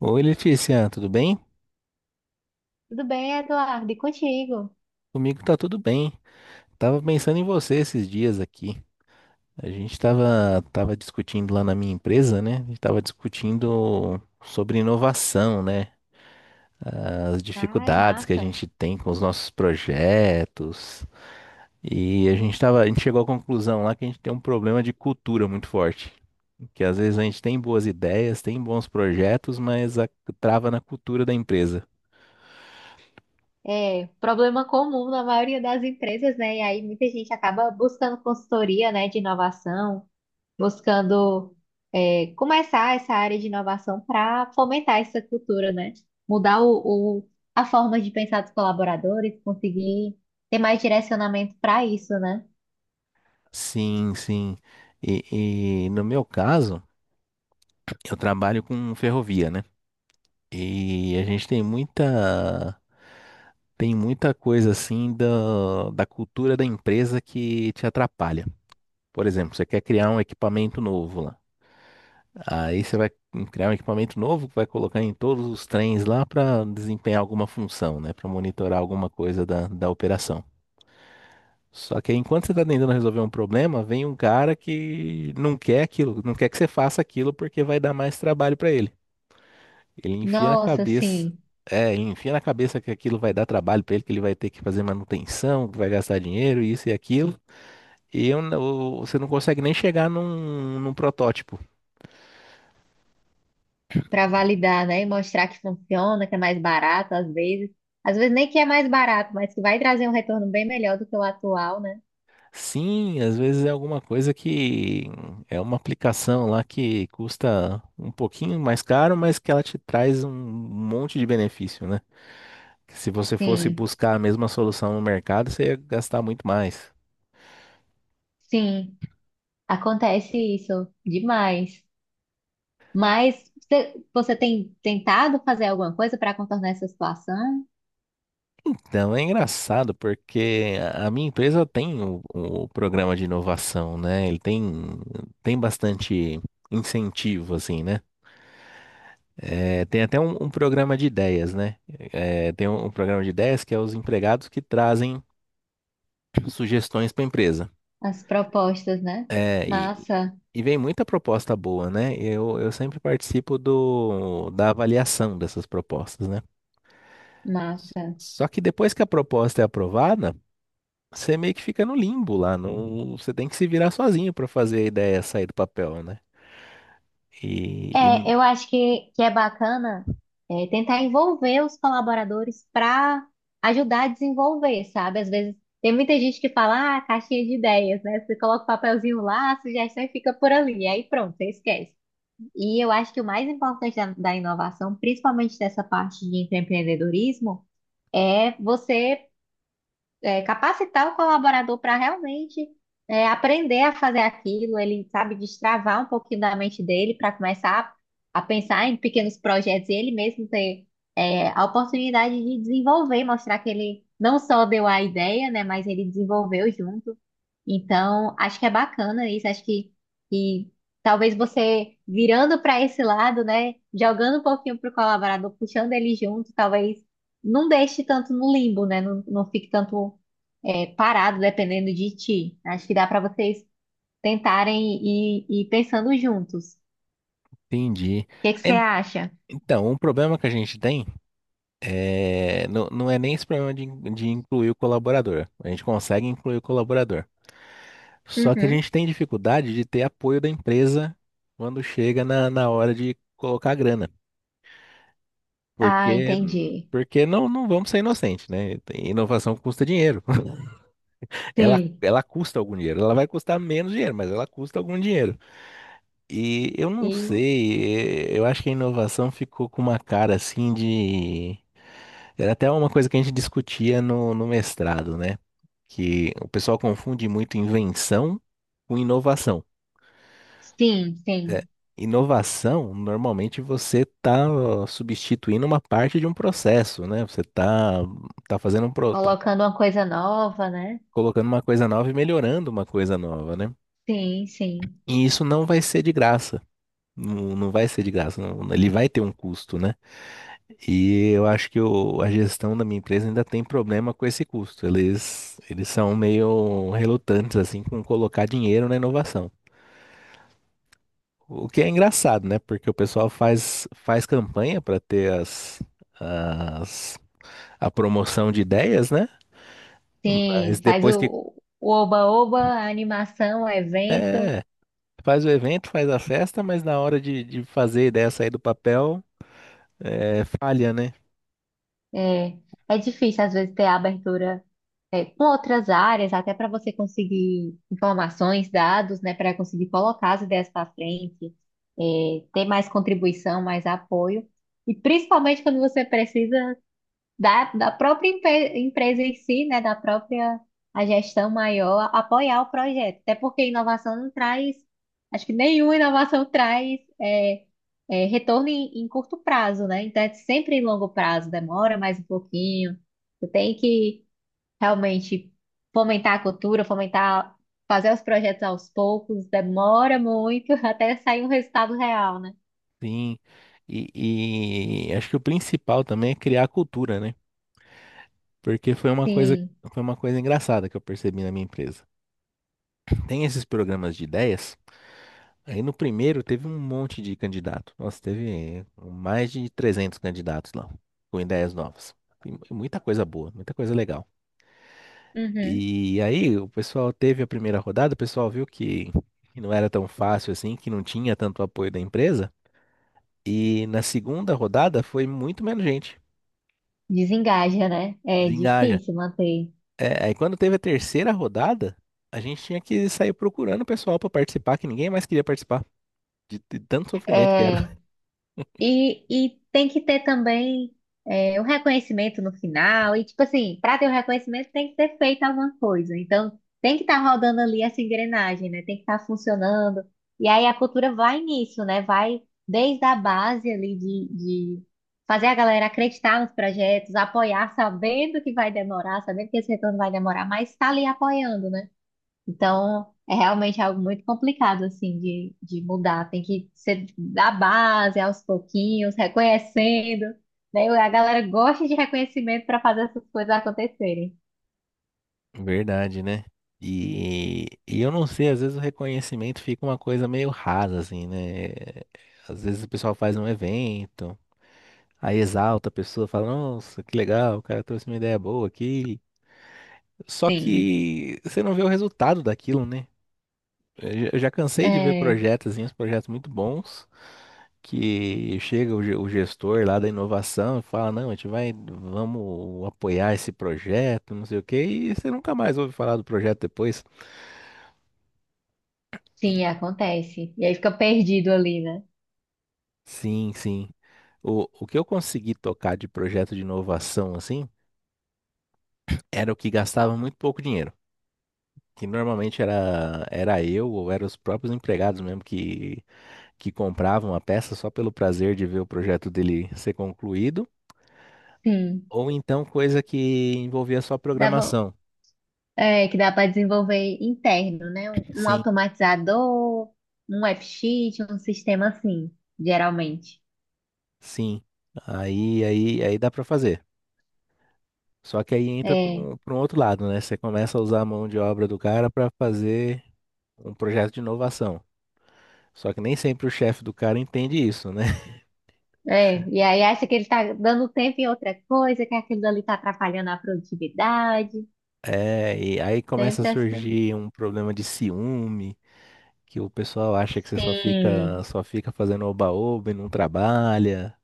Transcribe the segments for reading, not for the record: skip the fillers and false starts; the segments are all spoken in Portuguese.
Oi, Letícia, tudo bem? Tudo bem, Eduardo? E contigo? Comigo tá tudo bem. Tava pensando em você esses dias aqui. A gente tava discutindo lá na minha empresa, né? A gente tava discutindo sobre inovação, né? As Ai, dificuldades que a massa. gente tem com os nossos projetos. E a gente tava, a gente chegou à conclusão lá que a gente tem um problema de cultura muito forte. Que às vezes a gente tem boas ideias, tem bons projetos, trava na cultura da empresa. É problema comum na maioria das empresas, né? E aí muita gente acaba buscando consultoria, né, de inovação, buscando começar essa área de inovação para fomentar essa cultura, né? Mudar a forma de pensar dos colaboradores, conseguir ter mais direcionamento para isso, né? Sim, sim. No meu caso, eu trabalho com ferrovia, né? E a gente tem muita coisa assim da cultura da empresa que te atrapalha. Por exemplo, você quer criar um equipamento novo lá. Aí você vai criar um equipamento novo que vai colocar em todos os trens lá para desempenhar alguma função, né? Para monitorar alguma coisa da operação. Só que aí, enquanto você está tentando resolver um problema, vem um cara que não quer aquilo, não quer que você faça aquilo porque vai dar mais trabalho para ele. Ele enfia na Nossa, cabeça. sim. É, ele enfia na cabeça que aquilo vai dar trabalho pra ele, que ele vai ter que fazer manutenção, que vai gastar dinheiro, isso e aquilo. Você não consegue nem chegar num protótipo. Para E- validar, né? E mostrar que funciona, que é mais barato às vezes. Às vezes nem que é mais barato, mas que vai trazer um retorno bem melhor do que o atual, né? Sim, às vezes é alguma coisa que é uma aplicação lá que custa um pouquinho mais caro, mas que ela te traz um monte de benefício, né? Que se você fosse Sim, buscar a mesma solução no mercado, você ia gastar muito mais. sim, acontece isso demais. Mas você tem tentado fazer alguma coisa para contornar essa situação? Então é engraçado porque a minha empresa tem o programa de inovação, né? Ele tem tem bastante incentivo, assim, né? É, tem até um programa de ideias, né? É, tem um programa de ideias que é os empregados que trazem sugestões para a empresa. As propostas, né? É, Massa, e vem muita proposta boa, né? Eu sempre participo da avaliação dessas propostas, né? massa. Só que depois que a proposta é aprovada, você meio que fica no limbo lá, não, você tem que se virar sozinho para fazer a ideia sair do papel, né? E, e- É, eu acho que é bacana tentar envolver os colaboradores para ajudar a desenvolver, sabe? Às vezes tem muita gente que fala, ah, caixinha de ideias, né? Você coloca o papelzinho lá, a sugestão e fica por ali, aí pronto, você esquece. E eu acho que o mais importante da inovação, principalmente dessa parte de empreendedorismo, é você capacitar o colaborador para realmente aprender a fazer aquilo, ele sabe destravar um pouquinho da mente dele para começar a pensar em pequenos projetos e ele mesmo ter a oportunidade de desenvolver, mostrar que ele não só deu a ideia, né, mas ele desenvolveu junto. Então, acho que é bacana isso. Acho que talvez você virando para esse lado, né? Jogando um pouquinho pro colaborador, puxando ele junto, talvez não deixe tanto no limbo, né? Não fique tanto parado dependendo de ti. Acho que dá para vocês tentarem e ir pensando juntos. O Entendi. que é que você En- acha? Então, um problema que a gente tem é, não, não é nem esse problema de incluir o colaborador. A gente consegue incluir o colaborador. Só que a Uhum. gente tem dificuldade de ter apoio da empresa quando chega na hora de colocar a grana. Ah, Porque, entendi. Porque não, não vamos ser inocentes, né? Inovação custa dinheiro. Sim. Ela custa algum dinheiro. Ela vai custar menos dinheiro, mas ela custa algum dinheiro. E eu não E, sei, eu acho que a inovação ficou com uma cara assim de. Era até uma coisa que a gente discutia no mestrado, né? Que o pessoal confunde muito invenção com inovação. sim, É, sim. inovação, normalmente você está substituindo uma parte de um processo, né? Você está tá tá fazendo Colocando uma coisa nova, né? colocando uma coisa nova e melhorando uma coisa nova, né? Sim, sim. E isso não vai ser de graça. Não, não vai ser de graça, não, né? Ele vai ter um custo, né? E eu acho que a gestão da minha empresa ainda tem problema com esse custo. Eles são meio relutantes, assim, com colocar dinheiro na inovação. O que é engraçado, né? Porque o pessoal faz campanha para ter as, a promoção de ideias, né? Mas Sim, faz depois que. o oba-oba, a animação, o evento. É, faz o evento, faz a festa, mas na hora de fazer a ideia sair do papel, é, falha, né? É, é difícil, às vezes, ter a abertura com outras áreas, até para você conseguir informações, dados, né, para conseguir colocar as ideias para frente, ter mais contribuição, mais apoio. E principalmente quando você precisa da própria empresa em si, né, da própria a gestão maior, apoiar o projeto. Até porque inovação não traz, acho que nenhuma inovação traz retorno em curto prazo, né? Então é sempre em longo prazo, demora mais um pouquinho. Tu tem que realmente fomentar a cultura, fomentar, fazer os projetos aos poucos, demora muito até sair um resultado real, né? Sim, e acho que o principal também é criar a cultura, né? Porque Sim. foi uma coisa engraçada que eu percebi na minha empresa. Tem esses programas de ideias, aí no primeiro teve um monte de candidato. Nossa, teve mais de 300 candidatos lá, com ideias novas. E muita coisa boa, muita coisa legal. Uhum. E aí o pessoal teve a primeira rodada, o pessoal viu que não era tão fácil assim, que não tinha tanto apoio da empresa. E na segunda rodada foi muito menos gente. Desengaja, né? É Desengaja, difícil manter. é, aí quando teve a terceira rodada, a gente tinha que sair procurando o pessoal pra participar, que ninguém mais queria participar, de tanto sofrimento que era. É, e tem que ter também o reconhecimento no final. E, tipo assim, para ter o reconhecimento tem que ter feito alguma coisa. Então, tem que estar rodando ali essa engrenagem, né? Tem que estar funcionando. E aí a cultura vai nisso, né? Vai desde a base ali de fazer a galera acreditar nos projetos, apoiar, sabendo que vai demorar, sabendo que esse retorno vai demorar, mas está ali apoiando, né? Então, é realmente algo muito complicado, assim, de mudar. Tem que ser da base, aos pouquinhos, reconhecendo, né? A galera gosta de reconhecimento para fazer essas coisas acontecerem. Verdade, né? E eu não sei, às vezes o reconhecimento fica uma coisa meio rasa, assim, né? Às vezes o pessoal faz um evento, aí exalta a pessoa, fala, nossa, que legal, o cara trouxe uma ideia boa aqui. Só Sim. que você não vê o resultado daquilo, né? Eu já cansei de ver É, projetos, assim, uns projetos muito bons, que chega o gestor lá da inovação e fala, não, vamos apoiar esse projeto, não sei o quê, e você nunca mais ouve falar do projeto depois. sim, acontece. E aí fica perdido ali, né? Sim, sim. O que eu consegui tocar de projeto de inovação, assim, era o que gastava muito pouco dinheiro. Que normalmente era eu ou eram os próprios empregados mesmo que compravam a peça só pelo prazer de ver o projeto dele ser concluído, Sim. ou então coisa que envolvia só Dá, vo- programação. Que dá para desenvolver interno, né? Um Sim, automatizador, um app sheet, um sistema assim, geralmente. sim. Aí dá para fazer. Só que aí entra para É. Pra um outro lado, né? Você começa a usar a mão de obra do cara para fazer um projeto de inovação. Só que nem sempre o chefe do cara entende isso, né? É, e aí acha que ele tá dando tempo em outra coisa, que aquilo ali tá atrapalhando a produtividade. É, e aí começa a Sempre essa. surgir um problema de ciúme, que o pessoal acha que Hum. só fica fazendo oba-oba e não trabalha.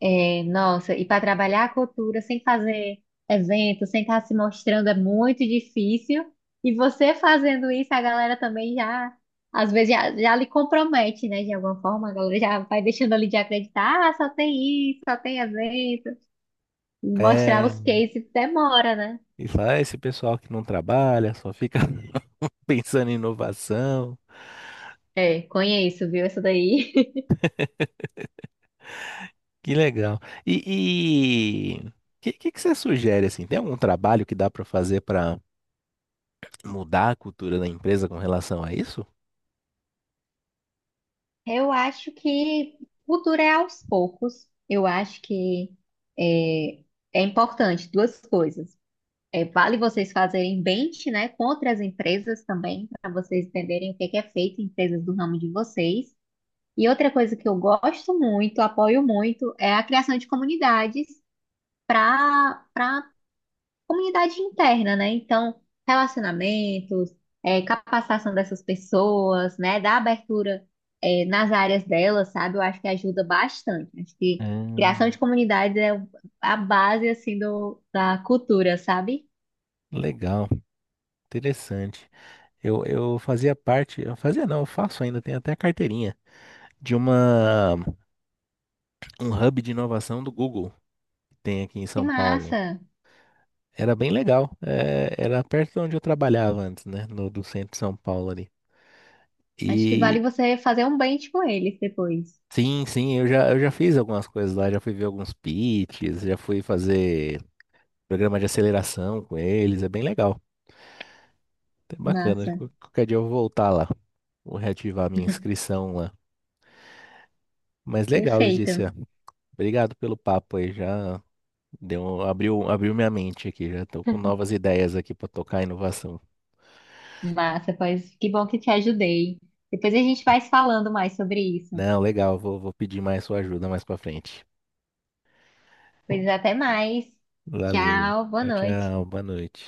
É, nossa, e para trabalhar a cultura sem fazer evento, sem estar se mostrando é muito difícil. E você fazendo isso, a galera também já, às vezes, já lhe compromete, né? De alguma forma, a galera já vai deixando ali de acreditar, ah, só tem isso, só tem evento. Mostrar É, os cases demora, né? e fala, "Ah, esse pessoal que não trabalha, só fica pensando em inovação." É, conheço, viu? Essa daí. Que legal. E o que você sugere assim? Tem algum trabalho que dá para fazer para mudar a cultura da empresa com relação a isso? Eu acho que cultura é aos poucos. Eu acho que é, é importante duas coisas. É, vale vocês fazerem bench, né, contra as empresas também, para vocês entenderem o que que é feito em empresas do ramo de vocês. E outra coisa que eu gosto muito, apoio muito, é a criação de comunidades para comunidade interna, né? Então, relacionamentos, capacitação dessas pessoas, né? Da abertura, nas áreas delas, sabe? Eu acho que ajuda bastante. Acho que criação Hum, de comunidades é a base, assim, da cultura, sabe? legal, interessante. Eu fazia parte, eu fazia não, eu faço ainda, tenho até carteirinha, de uma um hub de inovação do Google que tem aqui em Que São Paulo. massa! Era bem legal. É, era perto de onde eu trabalhava antes, né? No, Do centro de São Paulo ali. Acho que E vale você fazer um bench com eles depois. sim, sim, eu já fiz algumas coisas lá, já fui ver alguns pitches, já fui fazer programa de aceleração com eles, é bem legal. É bacana, Massa. Qualquer dia eu vou voltar lá, vou reativar a minha inscrição lá. Mas legal, Perfeito. Letícia. Obrigado pelo papo aí, já deu, abriu minha mente aqui, já tô com novas ideias aqui pra tocar inovação. Massa, pois que bom que te ajudei. Depois a gente vai se falando mais sobre isso. Não, legal, vou pedir mais sua ajuda mais pra frente. Pois até mais. Valeu. Tchau, boa Tchau, noite. tchau, boa noite.